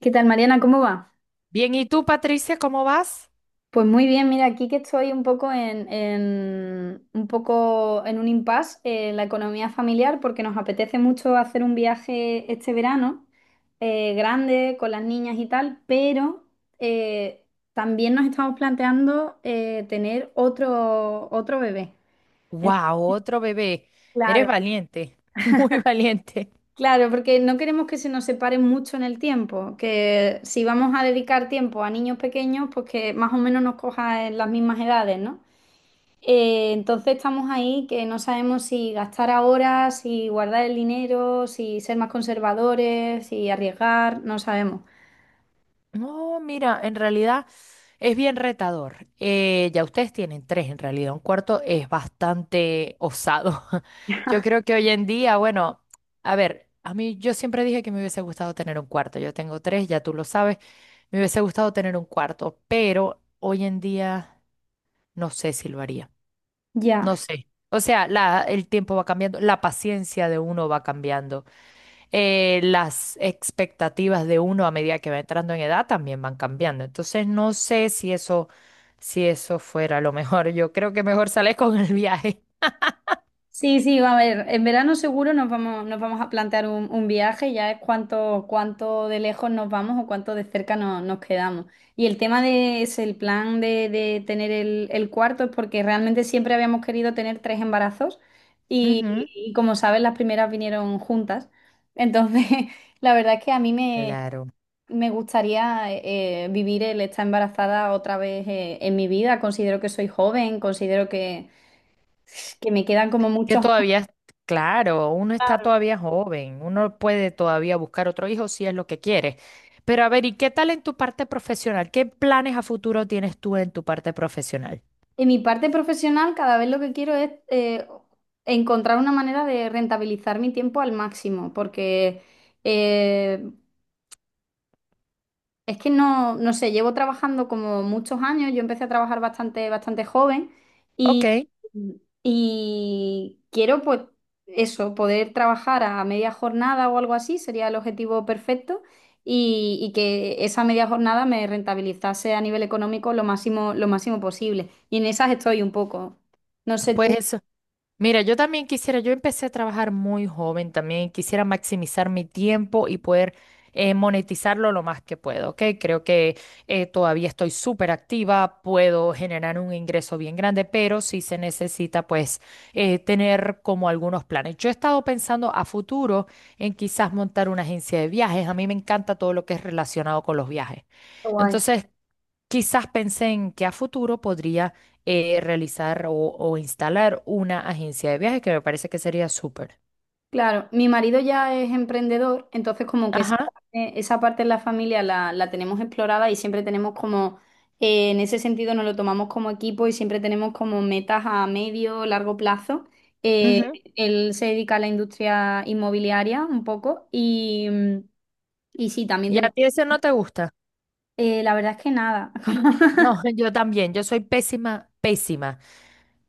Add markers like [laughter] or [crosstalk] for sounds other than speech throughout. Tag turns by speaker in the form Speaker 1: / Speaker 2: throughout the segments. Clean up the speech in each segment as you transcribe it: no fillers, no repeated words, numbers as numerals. Speaker 1: ¿Qué tal, Mariana? ¿Cómo va?
Speaker 2: Bien, ¿y tú, Patricia, cómo vas?
Speaker 1: Pues muy bien, mira, aquí que estoy un poco un poco en un impasse en la economía familiar porque nos apetece mucho hacer un viaje este verano, grande, con las niñas y tal, pero eh, también nos estamos planteando tener otro bebé. Entonces,
Speaker 2: ¡Wow! Otro bebé. Eres
Speaker 1: claro,
Speaker 2: valiente, [laughs] muy valiente.
Speaker 1: claro, porque no queremos que se nos separen mucho en el tiempo, que si vamos a dedicar tiempo a niños pequeños, pues que más o menos nos coja en las mismas edades, ¿no? Entonces estamos ahí que no sabemos si gastar ahora, si guardar el dinero, si ser más conservadores, si arriesgar, no sabemos.
Speaker 2: No, mira, en realidad es bien retador. Ya ustedes tienen tres, en realidad. Un cuarto es bastante osado. [laughs] Yo creo que hoy en día, bueno, a ver, a mí yo siempre dije que me hubiese gustado tener un cuarto. Yo tengo tres, ya tú lo sabes. Me hubiese gustado tener un cuarto, pero hoy en día no sé si lo haría.
Speaker 1: Ya.
Speaker 2: No sé. O sea, el tiempo va cambiando, la paciencia de uno va cambiando, las expectativas de uno a medida que va entrando en edad también van cambiando. Entonces, no sé si eso fuera lo mejor. Yo creo que mejor sales con el viaje.
Speaker 1: Sí, sí, a ver, en verano seguro nos vamos a plantear un viaje, ya es cuánto, cuánto de lejos nos vamos o cuánto de cerca nos quedamos. Y el tema de es el plan de tener el cuarto es porque realmente siempre habíamos querido tener tres embarazos y,
Speaker 2: Ujú.
Speaker 1: y como sabes, las primeras vinieron juntas. Entonces, [laughs] la verdad es que a mí
Speaker 2: Claro.
Speaker 1: me gustaría vivir el estar embarazada otra vez en mi vida. Considero que soy joven, considero que me quedan como
Speaker 2: Que
Speaker 1: muchos.
Speaker 2: todavía, es- claro, uno está todavía joven, uno puede todavía buscar otro hijo si es lo que quiere. Pero a ver, ¿y qué tal en tu parte profesional? ¿Qué planes a futuro tienes tú en tu parte profesional?
Speaker 1: En mi parte profesional, cada vez lo que quiero es encontrar una manera de rentabilizar mi tiempo al máximo, porque eh, es que no, no sé, llevo trabajando como muchos años, yo empecé a trabajar bastante, bastante joven y,
Speaker 2: Ok,
Speaker 1: y quiero pues eso, poder trabajar a media jornada o algo así, sería el objetivo perfecto y que esa media jornada me rentabilizase a nivel económico lo máximo posible. Y en esas estoy un poco. No sé
Speaker 2: pues
Speaker 1: tú.
Speaker 2: eso. Mira, yo también quisiera, yo empecé a trabajar muy joven también, quisiera maximizar mi tiempo y poder monetizarlo lo más que puedo, ¿ok? Creo que todavía estoy súper activa, puedo generar un ingreso bien grande, pero sí se necesita pues tener como algunos planes. Yo he estado pensando a futuro en quizás montar una agencia de viajes, a mí me encanta todo lo que es relacionado con los viajes. Entonces. Quizás pensé en que a futuro podría realizar o instalar una agencia de viajes que me parece que sería súper.
Speaker 1: Claro, mi marido ya es emprendedor, entonces como que
Speaker 2: Ajá.
Speaker 1: esa parte en la familia la tenemos explorada y siempre tenemos como, en ese sentido nos lo tomamos como equipo y siempre tenemos como metas a medio, largo plazo. Eh,
Speaker 2: Ujú.
Speaker 1: Él se dedica a la industria inmobiliaria un poco y, y sí, también
Speaker 2: ¿Y a
Speaker 1: tenemos,
Speaker 2: ti eso no te gusta?
Speaker 1: la verdad es que nada. [laughs]
Speaker 2: No, [laughs] yo también. Yo soy pésima, pésima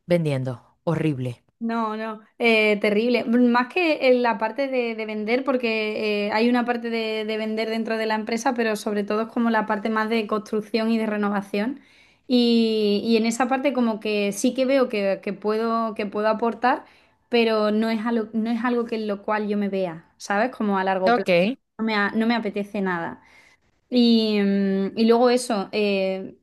Speaker 2: vendiendo. Horrible.
Speaker 1: No, no, terrible. Más que en la parte de vender, porque hay una parte de vender dentro de la empresa, pero sobre todo es como la parte más de construcción y de renovación. Y en esa parte como que sí que veo que puedo aportar, pero no es algo, no es algo que en lo cual yo me vea, ¿sabes? Como a largo plazo.
Speaker 2: Ok,
Speaker 1: No me, no me apetece nada. Y, mm, y luego eso,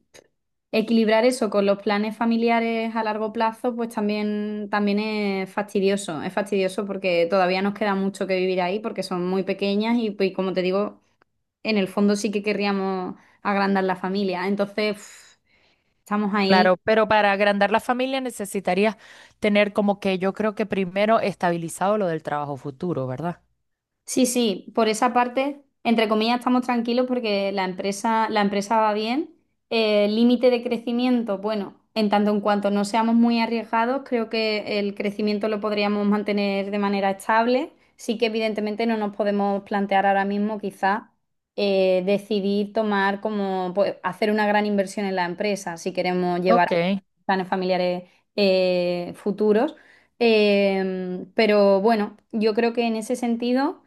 Speaker 1: equilibrar eso con los planes familiares a largo plazo, pues también, también es fastidioso. Es fastidioso porque todavía nos queda mucho que vivir ahí porque son muy pequeñas y, pues, como te digo, en el fondo sí que querríamos agrandar la familia. Entonces, uf, estamos ahí.
Speaker 2: claro, pero para agrandar la familia necesitaría tener como que yo creo que primero estabilizado lo del trabajo futuro, ¿verdad?
Speaker 1: Sí, sí, por esa parte, entre comillas, estamos tranquilos porque la empresa va bien. Límite de crecimiento, bueno, en tanto en cuanto no seamos muy arriesgados, creo que el crecimiento lo podríamos mantener de manera estable. Sí que evidentemente no nos podemos plantear ahora mismo quizá decidir tomar como pues, hacer una gran inversión en la empresa si queremos llevar a
Speaker 2: Ok,
Speaker 1: cabo planes familiares futuros. Pero bueno, yo creo que en ese sentido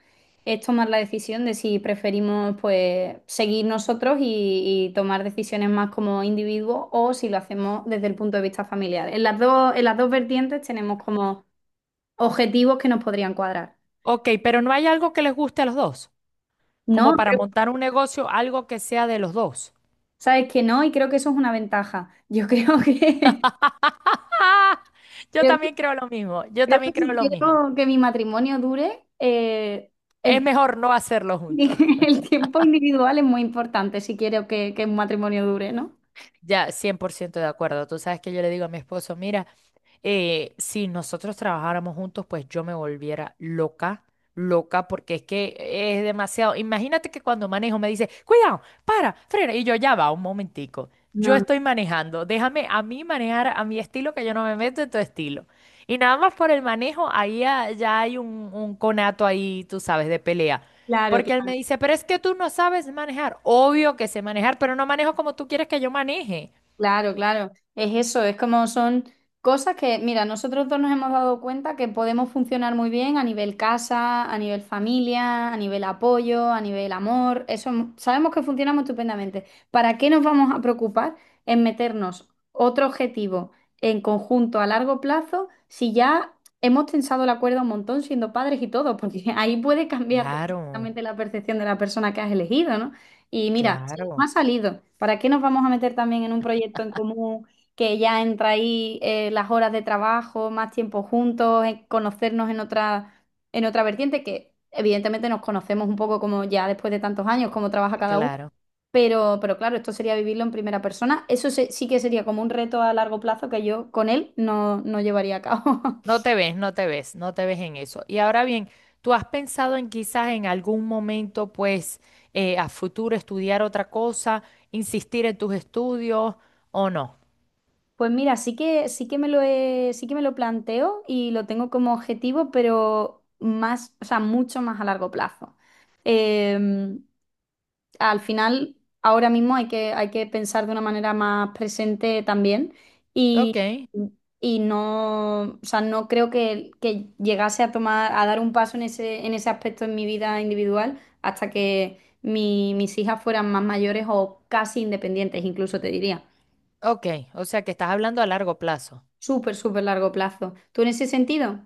Speaker 1: es tomar la decisión de si preferimos pues seguir nosotros y tomar decisiones más como individuos o si lo hacemos desde el punto de vista familiar. En las dos vertientes tenemos como objetivos que nos podrían cuadrar.
Speaker 2: ok, pero ¿no hay algo que les guste a los dos?
Speaker 1: No,
Speaker 2: Como para montar un negocio, algo que sea de los dos.
Speaker 1: sabes que no y creo que eso es una ventaja. [laughs] Yo creo que,
Speaker 2: [laughs] Ah,
Speaker 1: [laughs]
Speaker 2: Yo
Speaker 1: creo que,
Speaker 2: también creo lo mismo, yo
Speaker 1: creo que
Speaker 2: también
Speaker 1: si
Speaker 2: creo lo mismo.
Speaker 1: quiero que mi matrimonio dure,
Speaker 2: Es
Speaker 1: el,
Speaker 2: mejor no hacerlo
Speaker 1: [laughs]
Speaker 2: juntos.
Speaker 1: el tiempo individual es muy importante si quiero que un matrimonio dure, ¿no?
Speaker 2: Ya, 100% de acuerdo. Tú sabes que yo le digo a mi esposo, mira, si nosotros trabajáramos juntos, pues yo me volviera loca, loca, porque es que es demasiado. Imagínate que cuando manejo me dice, cuidado, para, frena, y yo ya va, un momentico. Yo
Speaker 1: No, no.
Speaker 2: estoy manejando, déjame a mí manejar a mi estilo, que yo no me meto en tu estilo. Y nada más por el manejo, ahí ya hay un conato ahí, tú sabes, de pelea.
Speaker 1: Claro.
Speaker 2: Porque él me dice, pero es que tú no sabes manejar. Obvio que sé manejar, pero no manejo como tú quieres que yo maneje.
Speaker 1: Claro, claro, es eso, es como son cosas que, mira, nosotros dos nos hemos dado cuenta que podemos funcionar muy bien a nivel casa, a nivel familia, a nivel apoyo, a nivel amor, eso sabemos que funcionamos estupendamente. ¿Para qué nos vamos a preocupar en meternos otro objetivo en conjunto a largo plazo si ya hemos tensado la cuerda un montón siendo padres y todo? Porque [laughs] ahí puede cambiar [laughs]
Speaker 2: Claro,
Speaker 1: completamente la percepción de la persona que has elegido, ¿no? Y mira, no
Speaker 2: claro,
Speaker 1: ha salido. ¿Para qué nos vamos a meter también en un proyecto en común que ya entra ahí las horas de trabajo, más tiempo juntos, en conocernos en otra vertiente que evidentemente nos conocemos un poco como ya después de tantos años, cómo trabaja cada uno?
Speaker 2: claro.
Speaker 1: Pero claro, esto sería vivirlo en primera persona. Eso sí que sería como un reto a largo plazo que yo con él no, no llevaría a cabo. [laughs]
Speaker 2: No te ves, no te ves, no te ves en eso. Y ahora bien, ¿tú has pensado en quizás en algún momento, pues, a futuro estudiar otra cosa, insistir en tus estudios o no?
Speaker 1: Pues mira, sí que me sí que me lo planteo y lo tengo como objetivo, pero más, o sea, mucho más a largo plazo. Eh, Al final, ahora mismo hay que pensar de una manera más presente también
Speaker 2: Ok,
Speaker 1: y, y no, o sea, no creo que llegase a tomar, a dar un paso en ese aspecto en mi vida individual hasta que mis hijas fueran más mayores o casi independientes, incluso te diría.
Speaker 2: ok, o sea que estás hablando a largo plazo.
Speaker 1: Súper, súper largo plazo. ¿Tú en ese sentido?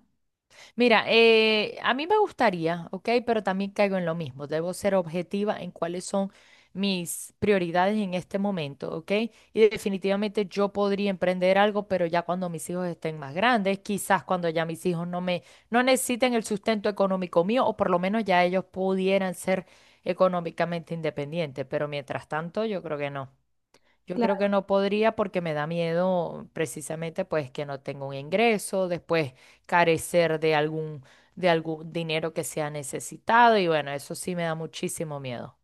Speaker 2: Mira, a mí me gustaría, ¿ok? Pero también caigo en lo mismo. Debo ser objetiva en cuáles son mis prioridades en este momento, ¿ok? Y definitivamente yo podría emprender algo, pero ya cuando mis hijos estén más grandes, quizás cuando ya mis hijos no necesiten el sustento económico mío, o por lo menos ya ellos pudieran ser económicamente independientes. Pero mientras tanto, yo creo que no. Yo creo
Speaker 1: Claro.
Speaker 2: que no podría porque me da miedo precisamente pues que no tenga un ingreso, después carecer de algún dinero que sea necesitado y bueno, eso sí me da muchísimo miedo.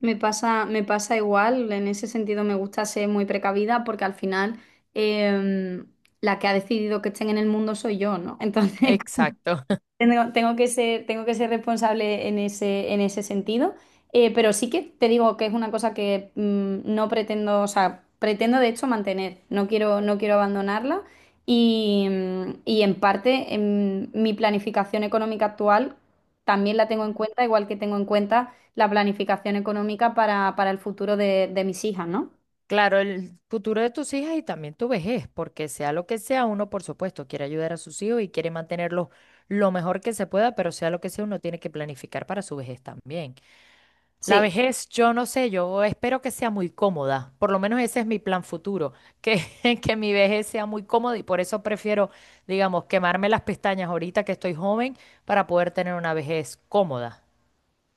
Speaker 1: Me pasa igual, en ese sentido me gusta ser muy precavida porque al final em, la que ha decidido que estén en el mundo soy yo, ¿no? [laughs] Entonces,
Speaker 2: Exacto. [laughs]
Speaker 1: tengo, tengo que ser responsable en ese sentido, pero sí que te digo que es una cosa que mm, no pretendo, o sea, pretendo de hecho mantener, no quiero, no quiero abandonarla y, mm, y en parte en mi planificación económica actual también la tengo en
Speaker 2: Ujú.
Speaker 1: cuenta, igual que tengo en cuenta la planificación económica para el futuro de mis hijas, ¿no?
Speaker 2: Claro, el futuro de tus hijas y también tu vejez, porque sea lo que sea, uno por supuesto quiere ayudar a sus hijos y quiere mantenerlos lo mejor que se pueda, pero sea lo que sea, uno tiene que planificar para su vejez también. La
Speaker 1: Sí,
Speaker 2: vejez, yo no sé, yo espero que sea muy cómoda, por lo menos ese es mi plan futuro, que, [laughs] que mi vejez sea muy cómoda y por eso prefiero, digamos, quemarme las pestañas ahorita que estoy joven para poder tener una vejez cómoda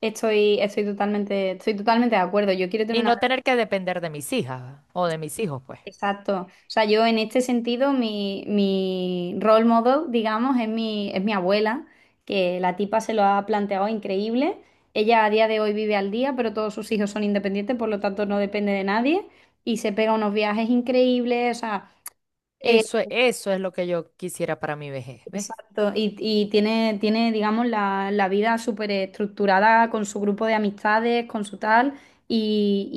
Speaker 1: estoy, estoy totalmente de acuerdo. Yo quiero tener
Speaker 2: y
Speaker 1: una.
Speaker 2: no tener que depender de mis hijas o de mis hijos, pues.
Speaker 1: Exacto. O sea, yo en este sentido, mi role model, digamos, es mi abuela, que la tipa se lo ha planteado increíble. Ella a día de hoy vive al día, pero todos sus hijos son independientes, por lo tanto no depende de nadie y se pega unos viajes increíbles. O sea,
Speaker 2: Eso, eso es lo que yo quisiera para mi vejez, ¿ves?
Speaker 1: exacto, y tiene, tiene, digamos, la vida súper estructurada con su grupo de amistades, con su tal,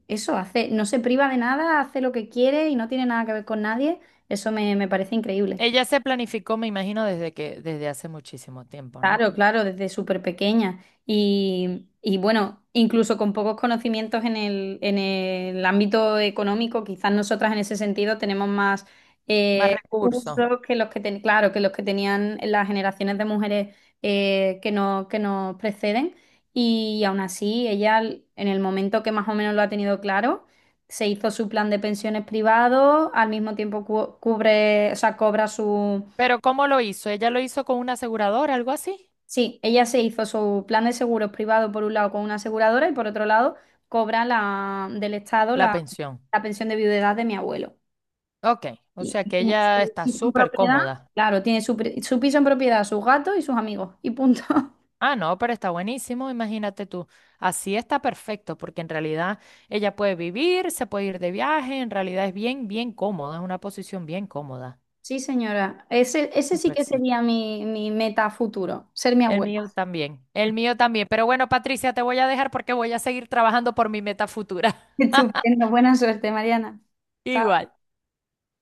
Speaker 1: y eso, hace, no se priva de nada, hace lo que quiere y no tiene nada que ver con nadie, eso me, me parece increíble.
Speaker 2: Ella se planificó, me imagino, desde hace muchísimo tiempo, ¿no?
Speaker 1: Claro, claro, desde súper pequeña. Y bueno, incluso con pocos conocimientos en el ámbito económico, quizás nosotras en ese sentido tenemos más
Speaker 2: Más recursos.
Speaker 1: recursos que los que claro, que los que tenían las generaciones de mujeres que no, que nos preceden. Y aún así, ella en el momento que más o menos lo ha tenido claro, se hizo su plan de pensiones privado, al mismo tiempo cubre, o sea, cobra.
Speaker 2: Pero ¿cómo lo hizo? ¿Ella lo hizo con una aseguradora, algo así?
Speaker 1: Sí, ella se hizo su plan de seguros privado por un lado con una aseguradora y por otro lado cobra la, del Estado
Speaker 2: La
Speaker 1: la,
Speaker 2: pensión.
Speaker 1: la pensión de viudedad de mi abuelo.
Speaker 2: Ok, o sea
Speaker 1: Y
Speaker 2: que
Speaker 1: tiene su
Speaker 2: ella está
Speaker 1: piso en
Speaker 2: súper
Speaker 1: propiedad,
Speaker 2: cómoda.
Speaker 1: claro, tiene su, su piso en propiedad, sus gatos y sus amigos. Y punto. [laughs]
Speaker 2: Ah, no, pero está buenísimo, imagínate tú. Así está perfecto, porque en realidad ella puede vivir, se puede ir de viaje, en realidad es bien, bien cómoda, es una posición bien cómoda.
Speaker 1: Sí, señora. Ese sí
Speaker 2: Súper,
Speaker 1: que
Speaker 2: sí.
Speaker 1: sería mi, mi meta futuro, ser mi
Speaker 2: El
Speaker 1: abuela.
Speaker 2: mío también, el mío también. Pero bueno, Patricia, te voy a dejar porque voy a seguir trabajando por mi meta futura.
Speaker 1: [laughs] Estupendo,
Speaker 2: [laughs]
Speaker 1: buena suerte, Mariana. Chao.
Speaker 2: Igual.